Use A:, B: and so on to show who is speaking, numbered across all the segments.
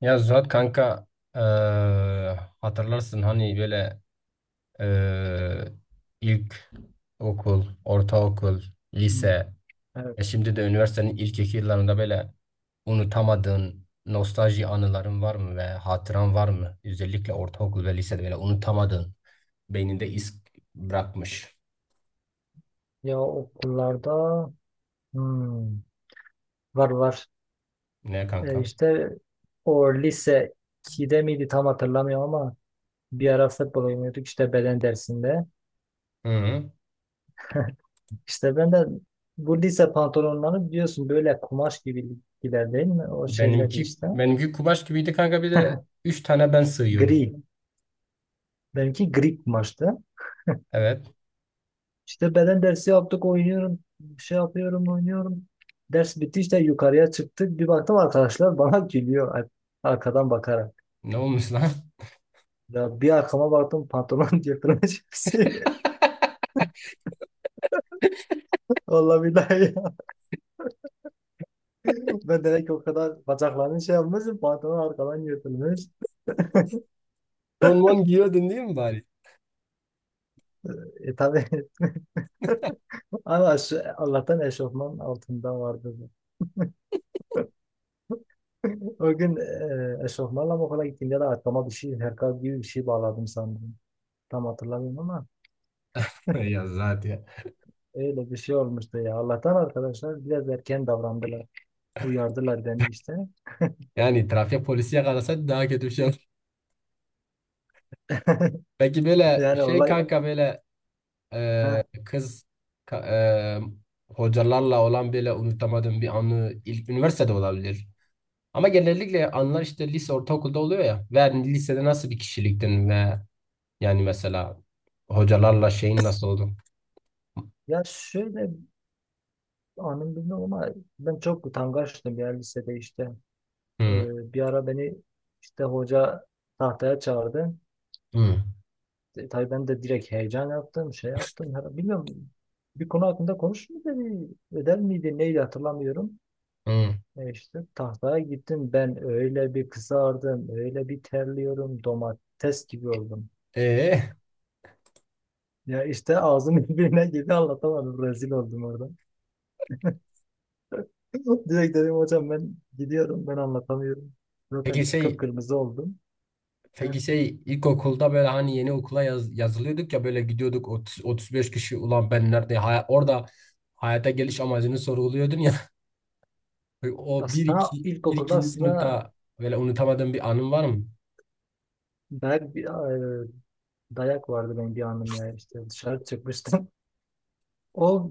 A: Ya Zuhat kanka, hatırlarsın hani böyle, eee, ilk okul, ortaokul,
B: Hmm,
A: lise,
B: Evet.
A: şimdi de üniversitenin ilk iki yıllarında böyle unutamadığın nostalji anıların var mı ve hatıran var mı? Özellikle ortaokul ve lisede böyle unutamadığın, beyninde iz bırakmış.
B: Ya okullarda, hmm, var var.
A: Ne kanka?
B: İşte o lise 2'de miydi tam hatırlamıyorum ama bir ara futbol oynuyorduk işte beden dersinde.
A: Hı hı.
B: İşte ben de bu lise pantolonları biliyorsun böyle kumaş gibiler değil mi? O şeyler
A: Benimki
B: işte.
A: benimki kumaş gibiydi kanka, bir de üç tane ben sığıyordum.
B: Gri. Benimki gri kumaştı.
A: Evet.
B: İşte beden dersi yaptık, oynuyorum. Şey yapıyorum, oynuyorum. Ders bitti, işte yukarıya çıktık. Bir baktım arkadaşlar bana gülüyor, arkadan bakarak.
A: Ne olmuş lan?
B: Ya bir arkama baktım, pantolon yırtılmış. Vallahi billahi ya. Ben demek ki o kadar bacaklarını şey yapmışım, pantolon arkadan yırtılmış.
A: Donman giyiyordun değil mi bari?
B: Tabii ama şu, Allah'tan eşofman altında vardı. O gün eşofmanla mı okula gittiğimde de arkama bir şey, herkal gibi bir şey bağladım sandım. Tam hatırlamıyorum ama
A: Ya zaten.
B: öyle bir şey olmuştu ya. Allah'tan arkadaşlar biraz erken davrandılar. Uyardılar beni işte.
A: Yani trafik polisi yakalasaydı daha kötü bir şey olur. Peki böyle
B: Yani
A: şey
B: olay
A: kanka, böyle e,
B: ha.
A: kız ka- hocalarla olan böyle unutamadığım bir anı ilk üniversitede olabilir. Ama genellikle anılar işte lise, ortaokulda oluyor ya. Ve hani lisede nasıl bir kişiliktin ve yani mesela hocalarla şeyin nasıl oldu?
B: Ya şöyle, anım bilmiyorum ama ben çok utangaçtım ya lisede işte. Ee,
A: Hı,
B: bir ara beni işte hoca tahtaya çağırdı.
A: hı,
B: Tabii ben de direkt heyecan yaptım, şey yaptım. Bilmiyorum, bir konu hakkında konuş mu dedi, ödev miydi, neydi hatırlamıyorum.
A: hı.
B: İşte tahtaya gittim, ben öyle bir kızardım, öyle bir terliyorum, domates gibi oldum.
A: E,
B: Ya işte ağzım birbirine gibi anlatamadım, rezil oldum orada. Direkt dedim hocam ben gidiyorum, ben anlatamıyorum. Zaten
A: peki şey
B: kıpkırmızı oldum. Heh.
A: Peki şey, ilkokulda böyle hani yeni okula yazılıyorduk ya, böyle gidiyorduk 30, 35 kişi, ulan ben nerede, orada hayata geliş amacını sorguluyordun ya. o bir
B: Aslında
A: iki, bir
B: ilkokulda,
A: ikinci
B: aslında
A: sınıfta böyle unutamadığın bir anın var mı?
B: dayak, e, dayak vardı benim bir anım ya. İşte dışarı çıkmıştım. O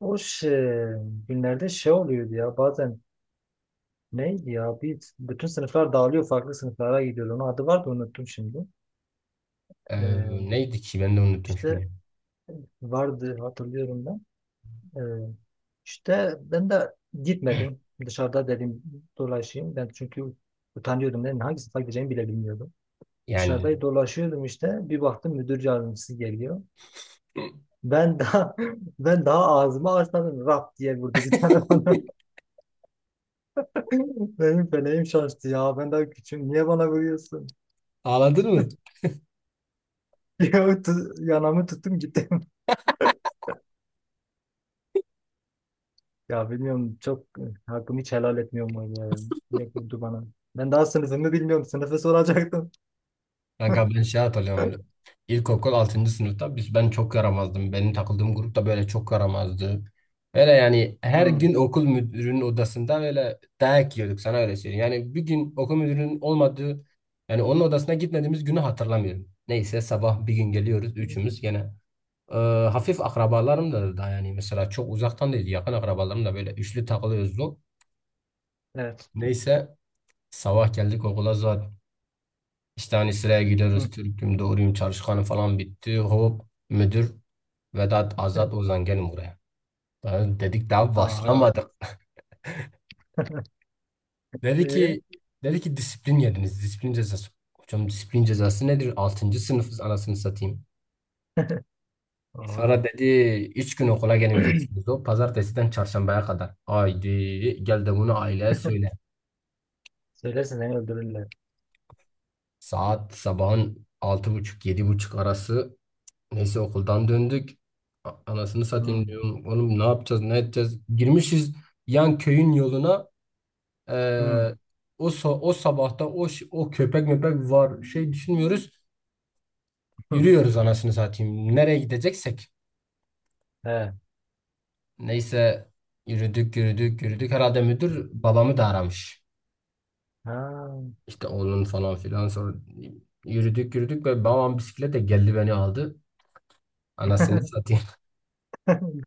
B: o şey, günlerde şey oluyordu ya bazen, neydi ya, bir bütün sınıflar dağılıyor, farklı sınıflara gidiyordu. Onun adı vardı, unuttum şimdi.
A: Ee,
B: Ee,
A: neydi ki, ben de unuttum
B: işte
A: şimdi.
B: vardı, hatırlıyorum ben. Ee, işte ben de gitmedim. Dışarıda dedim dolaşayım. Ben çünkü utanıyordum. Ben hangi sınıfa gideceğimi bile bilmiyordum.
A: Yani
B: Dışarıda dolaşıyordum işte. Bir baktım müdür yardımcısı geliyor. Ben daha ben daha ağzımı açmadım, rap diye vurdu bir tane bana. Benim feleğim şaştı ya. Ben daha küçüğüm. Niye bana vuruyorsun?
A: ağladın mı?
B: Ya, yanamı tuttum gittim. Ya bilmiyorum, çok hakkımı hiç helal etmiyorum o ya. Direkt vurdu bana. Ben daha sınıfımı bilmiyorum. Sınıfı soracaktım.
A: Kanka ben şey hatırlıyorum. İlkokul altıncı sınıfta ben çok yaramazdım. Benim takıldığım grupta böyle çok yaramazdı. Böyle yani her gün okul müdürünün odasında böyle dayak yiyorduk, sana öyle söyleyeyim. Yani bir gün okul müdürünün olmadığı, yani onun odasına gitmediğimiz günü hatırlamıyorum. Neyse, sabah bir gün geliyoruz üçümüz
B: Hmm.
A: gene. Ee, hafif akrabalarım da, yani mesela çok uzaktan değil, yakın akrabalarım, da böyle üçlü takılıyoruz.
B: Evet.
A: Neyse, sabah geldik okula, işte hani sıraya giriyoruz.
B: Hı.
A: Türk'üm, doğruyum, çalışkanım falan bitti. Hop, müdür: Vedat, Azat, Ozan, gelin buraya. Ben dedik daha
B: Aha.
A: başlamadık. Dedi
B: E?
A: ki dedi ki disiplin yediniz. Disiplin cezası. Hocam, disiplin cezası nedir? Altıncı sınıfız anasını satayım.
B: Aha.
A: Sonra dedi 3 gün okula gelmeyeceksiniz. O pazartesiden çarşambaya kadar. Haydi gel de bunu aileye söyle.
B: Söylersen seni öldürürler.
A: Saat sabahın altı buçuk, yedi buçuk arası. Neyse, okuldan döndük. Anasını satayım
B: Hı.
A: diyorum. Oğlum ne yapacağız, ne edeceğiz? Girmişiz yan köyün yoluna. Ee,
B: Hı.
A: o sabahta, o köpek möpek var, şey düşünmüyoruz. Yürüyoruz anasını satayım. Nereye gideceksek.
B: He.
A: Neyse, yürüdük yürüdük yürüdük. Herhalde müdür babamı da aramış.
B: Ha.
A: İşte oğlun falan filan. Sonra yürüdük yürüdük ve babam bisikletle geldi, beni aldı. Anasını satayım.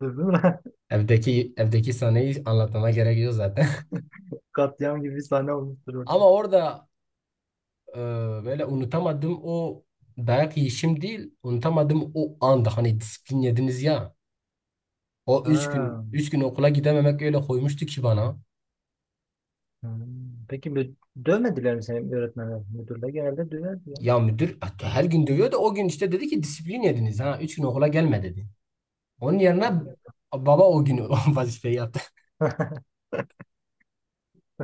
B: Duydun mu?
A: Evdeki sahneyi anlatmama gerek yok zaten.
B: Katliam gibi bir sahne olmuştur orada.
A: Ama orada, Ee, böyle unutamadığım o dayak yiyişim değil, unutamadım o anda hani disiplin yediniz ya. O üç gün,
B: Ha.
A: üç gün okula gidememek öyle koymuştu ki bana.
B: Hmm. Peki dövmediler mi seni öğretmenler? Müdürler genelde döverdi ya.
A: Ya müdür hatta her gün dövüyor, da o gün işte dedi ki disiplin yediniz ha. 3 gün okula gelme dedi. Onun yerine baba o gün o vazifeyi yaptı.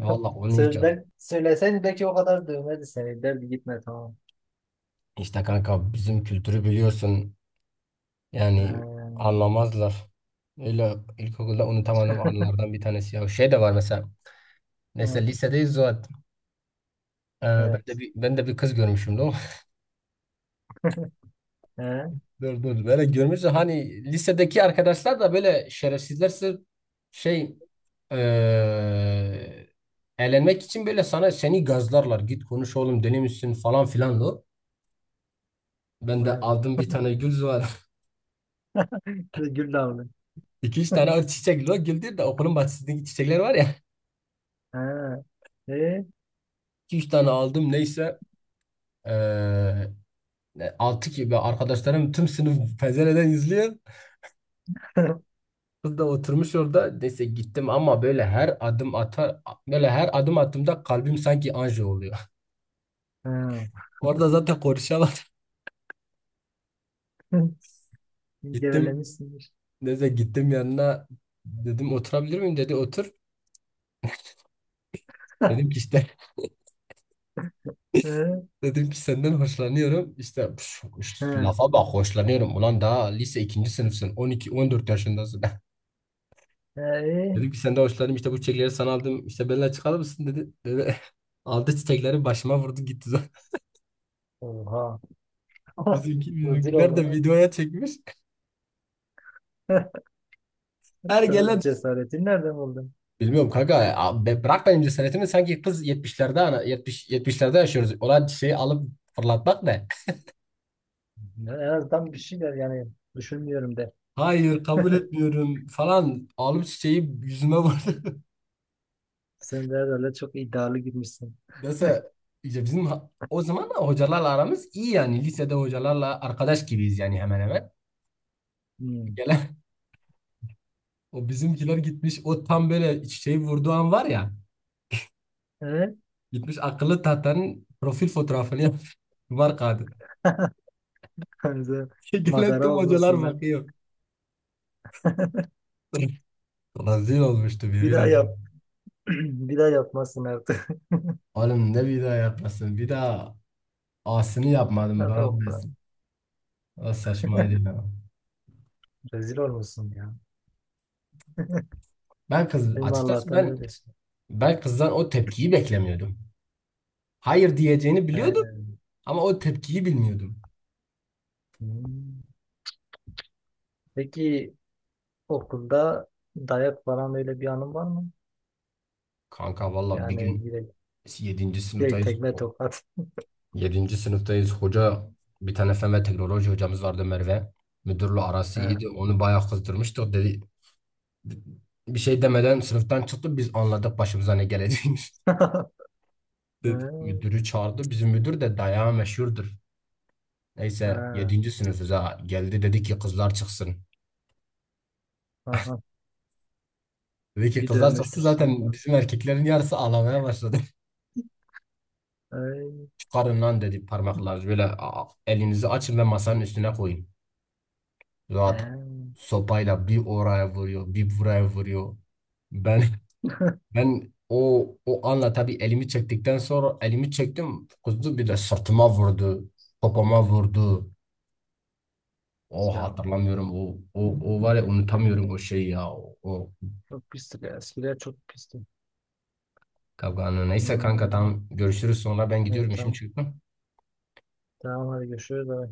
A: Valla onu yiyeceğim.
B: Söyler, söyleseydi belki o kadar dövmedi seni. Derdi gitme, tamam.
A: İşte kanka, bizim kültürü biliyorsun.
B: Ha.
A: Yani anlamazlar. Öyle ilkokulda unutamadığım anılardan bir tanesi ya. Şey de var mesela.
B: Hı.
A: Mesela lisedeyiz, o. Ee, ben de
B: Evet.
A: bir ben de bir kız görmüşüm lan.
B: He.
A: Dur dur. Böyle görmüşsün hani, lisedeki arkadaşlar da böyle şerefsizler, sırf şey eee eğlenmek için böyle sana, seni gazlarlar. Git konuş oğlum, deli misin, falan filan lo. Ben de
B: Hı.
A: aldım, bir tane gül var.
B: Gül damlı.
A: İki üç tane o çiçek, lo güldür de, okulun bahçesindeki çiçekler var ya.
B: Ha. E?
A: İki üç tane aldım neyse. Eee Altı gibi arkadaşlarım, tüm sınıf pencereden izliyor. Kız da oturmuş orada. Neyse gittim, ama böyle her adım attığımda kalbim sanki anji oluyor.
B: Ha.
A: Orada zaten konuşamadım. Gittim.
B: Gevelemişsindir.
A: Neyse gittim yanına. Dedim oturabilir miyim? Dedi otur. Dedim ki işte
B: Hı,
A: dedim ki senden hoşlanıyorum. İşte püf, şu
B: hı.
A: lafa bak, hoşlanıyorum. Ulan daha lise ikinci sınıfsın. On iki, on dört yaşındasın.
B: Ee,
A: Dedim ki senden hoşlanıyorum. İşte bu çiçekleri sana aldım. İşte benimle çıkar mısın dedi. Aldı çiçekleri, başıma vurdu, gitti.
B: Oha.
A: Bizimki,
B: Rezil
A: bizimkiler
B: oldum.
A: de
B: lan.
A: videoya çekmiş.
B: Sen o
A: Ergenler.
B: cesaretin nereden buldun?
A: Bilmiyorum kanka. Ya bırak benim cesaretimi. Sanki kız, yetmişlerde, ana yetmiş, yetmişlerde yaşıyoruz. Olan şeyi alıp fırlatmak ne?
B: Ya, en azından bir şeyler, yani düşünmüyorum de.
A: Hayır kabul etmiyorum falan. Alıp çiçeği yüzüme vurdu.
B: Sen de herhalde çok iddialı girmişsin.
A: mesela, İşte bizim, o zaman da hocalarla aramız iyi, yani lisede hocalarla arkadaş gibiyiz yani, hemen hemen.
B: Hmm.
A: Gelen, o bizimkiler gitmiş, o tam böyle çiçeği vurduğu an var ya.
B: Evet.
A: Gitmiş akıllı tahtanın profil fotoğrafını yapmış. Var kadın.
B: Sen
A: Gelen tüm
B: Madara
A: hocalar
B: olmuşsun lan.
A: bakıyor. Rezil olmuştu,
B: Bir
A: yemin
B: daha yap.
A: ederim.
B: Bir daha yapmazsın artık.
A: Oğlum ne bir daha yapmasın, bir daha asini yapmadım,
B: Hadi
A: bana
B: okula.
A: bilirsin. O saçmaydı ya.
B: Rezil olmuşsun ya.
A: Ben kız,
B: Benim
A: açıkçası
B: Allah'tan
A: ben kızdan o tepkiyi beklemiyordum. Hayır diyeceğini biliyordum
B: öylesin.
A: ama o tepkiyi bilmiyordum.
B: Hmm. Peki okulda dayak falan, öyle bir anın var mı?
A: Kanka valla bir
B: Yani
A: gün
B: direkt,
A: yedinci
B: direkt
A: sınıftayız.
B: tekme tokat.
A: yedinci sınıftayız. Hoca, bir tane fen ve teknoloji hocamız vardı, Merve. Müdürle arası
B: He.
A: iyiydi. Onu bayağı kızdırmıştık. Dedi, bir şey demeden sınıftan çıktı. Biz anladık başımıza ne geleceğini.
B: He.
A: Müdürü çağırdı. Bizim müdür de dayağı meşhurdur.
B: He.
A: Neyse yedinci sınıfız ha. Geldi dedi ki kızlar çıksın.
B: Aha.
A: Dedi ki
B: Bir
A: kızlar
B: dövmüştür
A: çıksın, zaten
B: seni.
A: bizim erkeklerin yarısı ağlamaya başladı.
B: Ay.
A: Çıkarın lan dedi, parmaklar böyle, "Aa, elinizi açın ve masanın üstüne koyun." Rahat
B: He.
A: sopayla bir oraya vuruyor, bir buraya vuruyor. Ben ben o anla, tabii, elimi çektikten sonra, elimi çektim kuzu, bir de sırtıma vurdu. Popoma vurdu. O
B: Ya.
A: hatırlamıyorum, o var ya,
B: Hmm.
A: unutamıyorum o şeyi ya, o.
B: Çok pisti. Eskiler çok pisti.
A: Kavganlı. Neyse kanka,
B: Hmm.
A: tamam, görüşürüz sonra, ben gidiyorum,
B: Evet,
A: işim
B: tamam.
A: çıktı.
B: Tamam, hadi görüşürüz. Bay bay.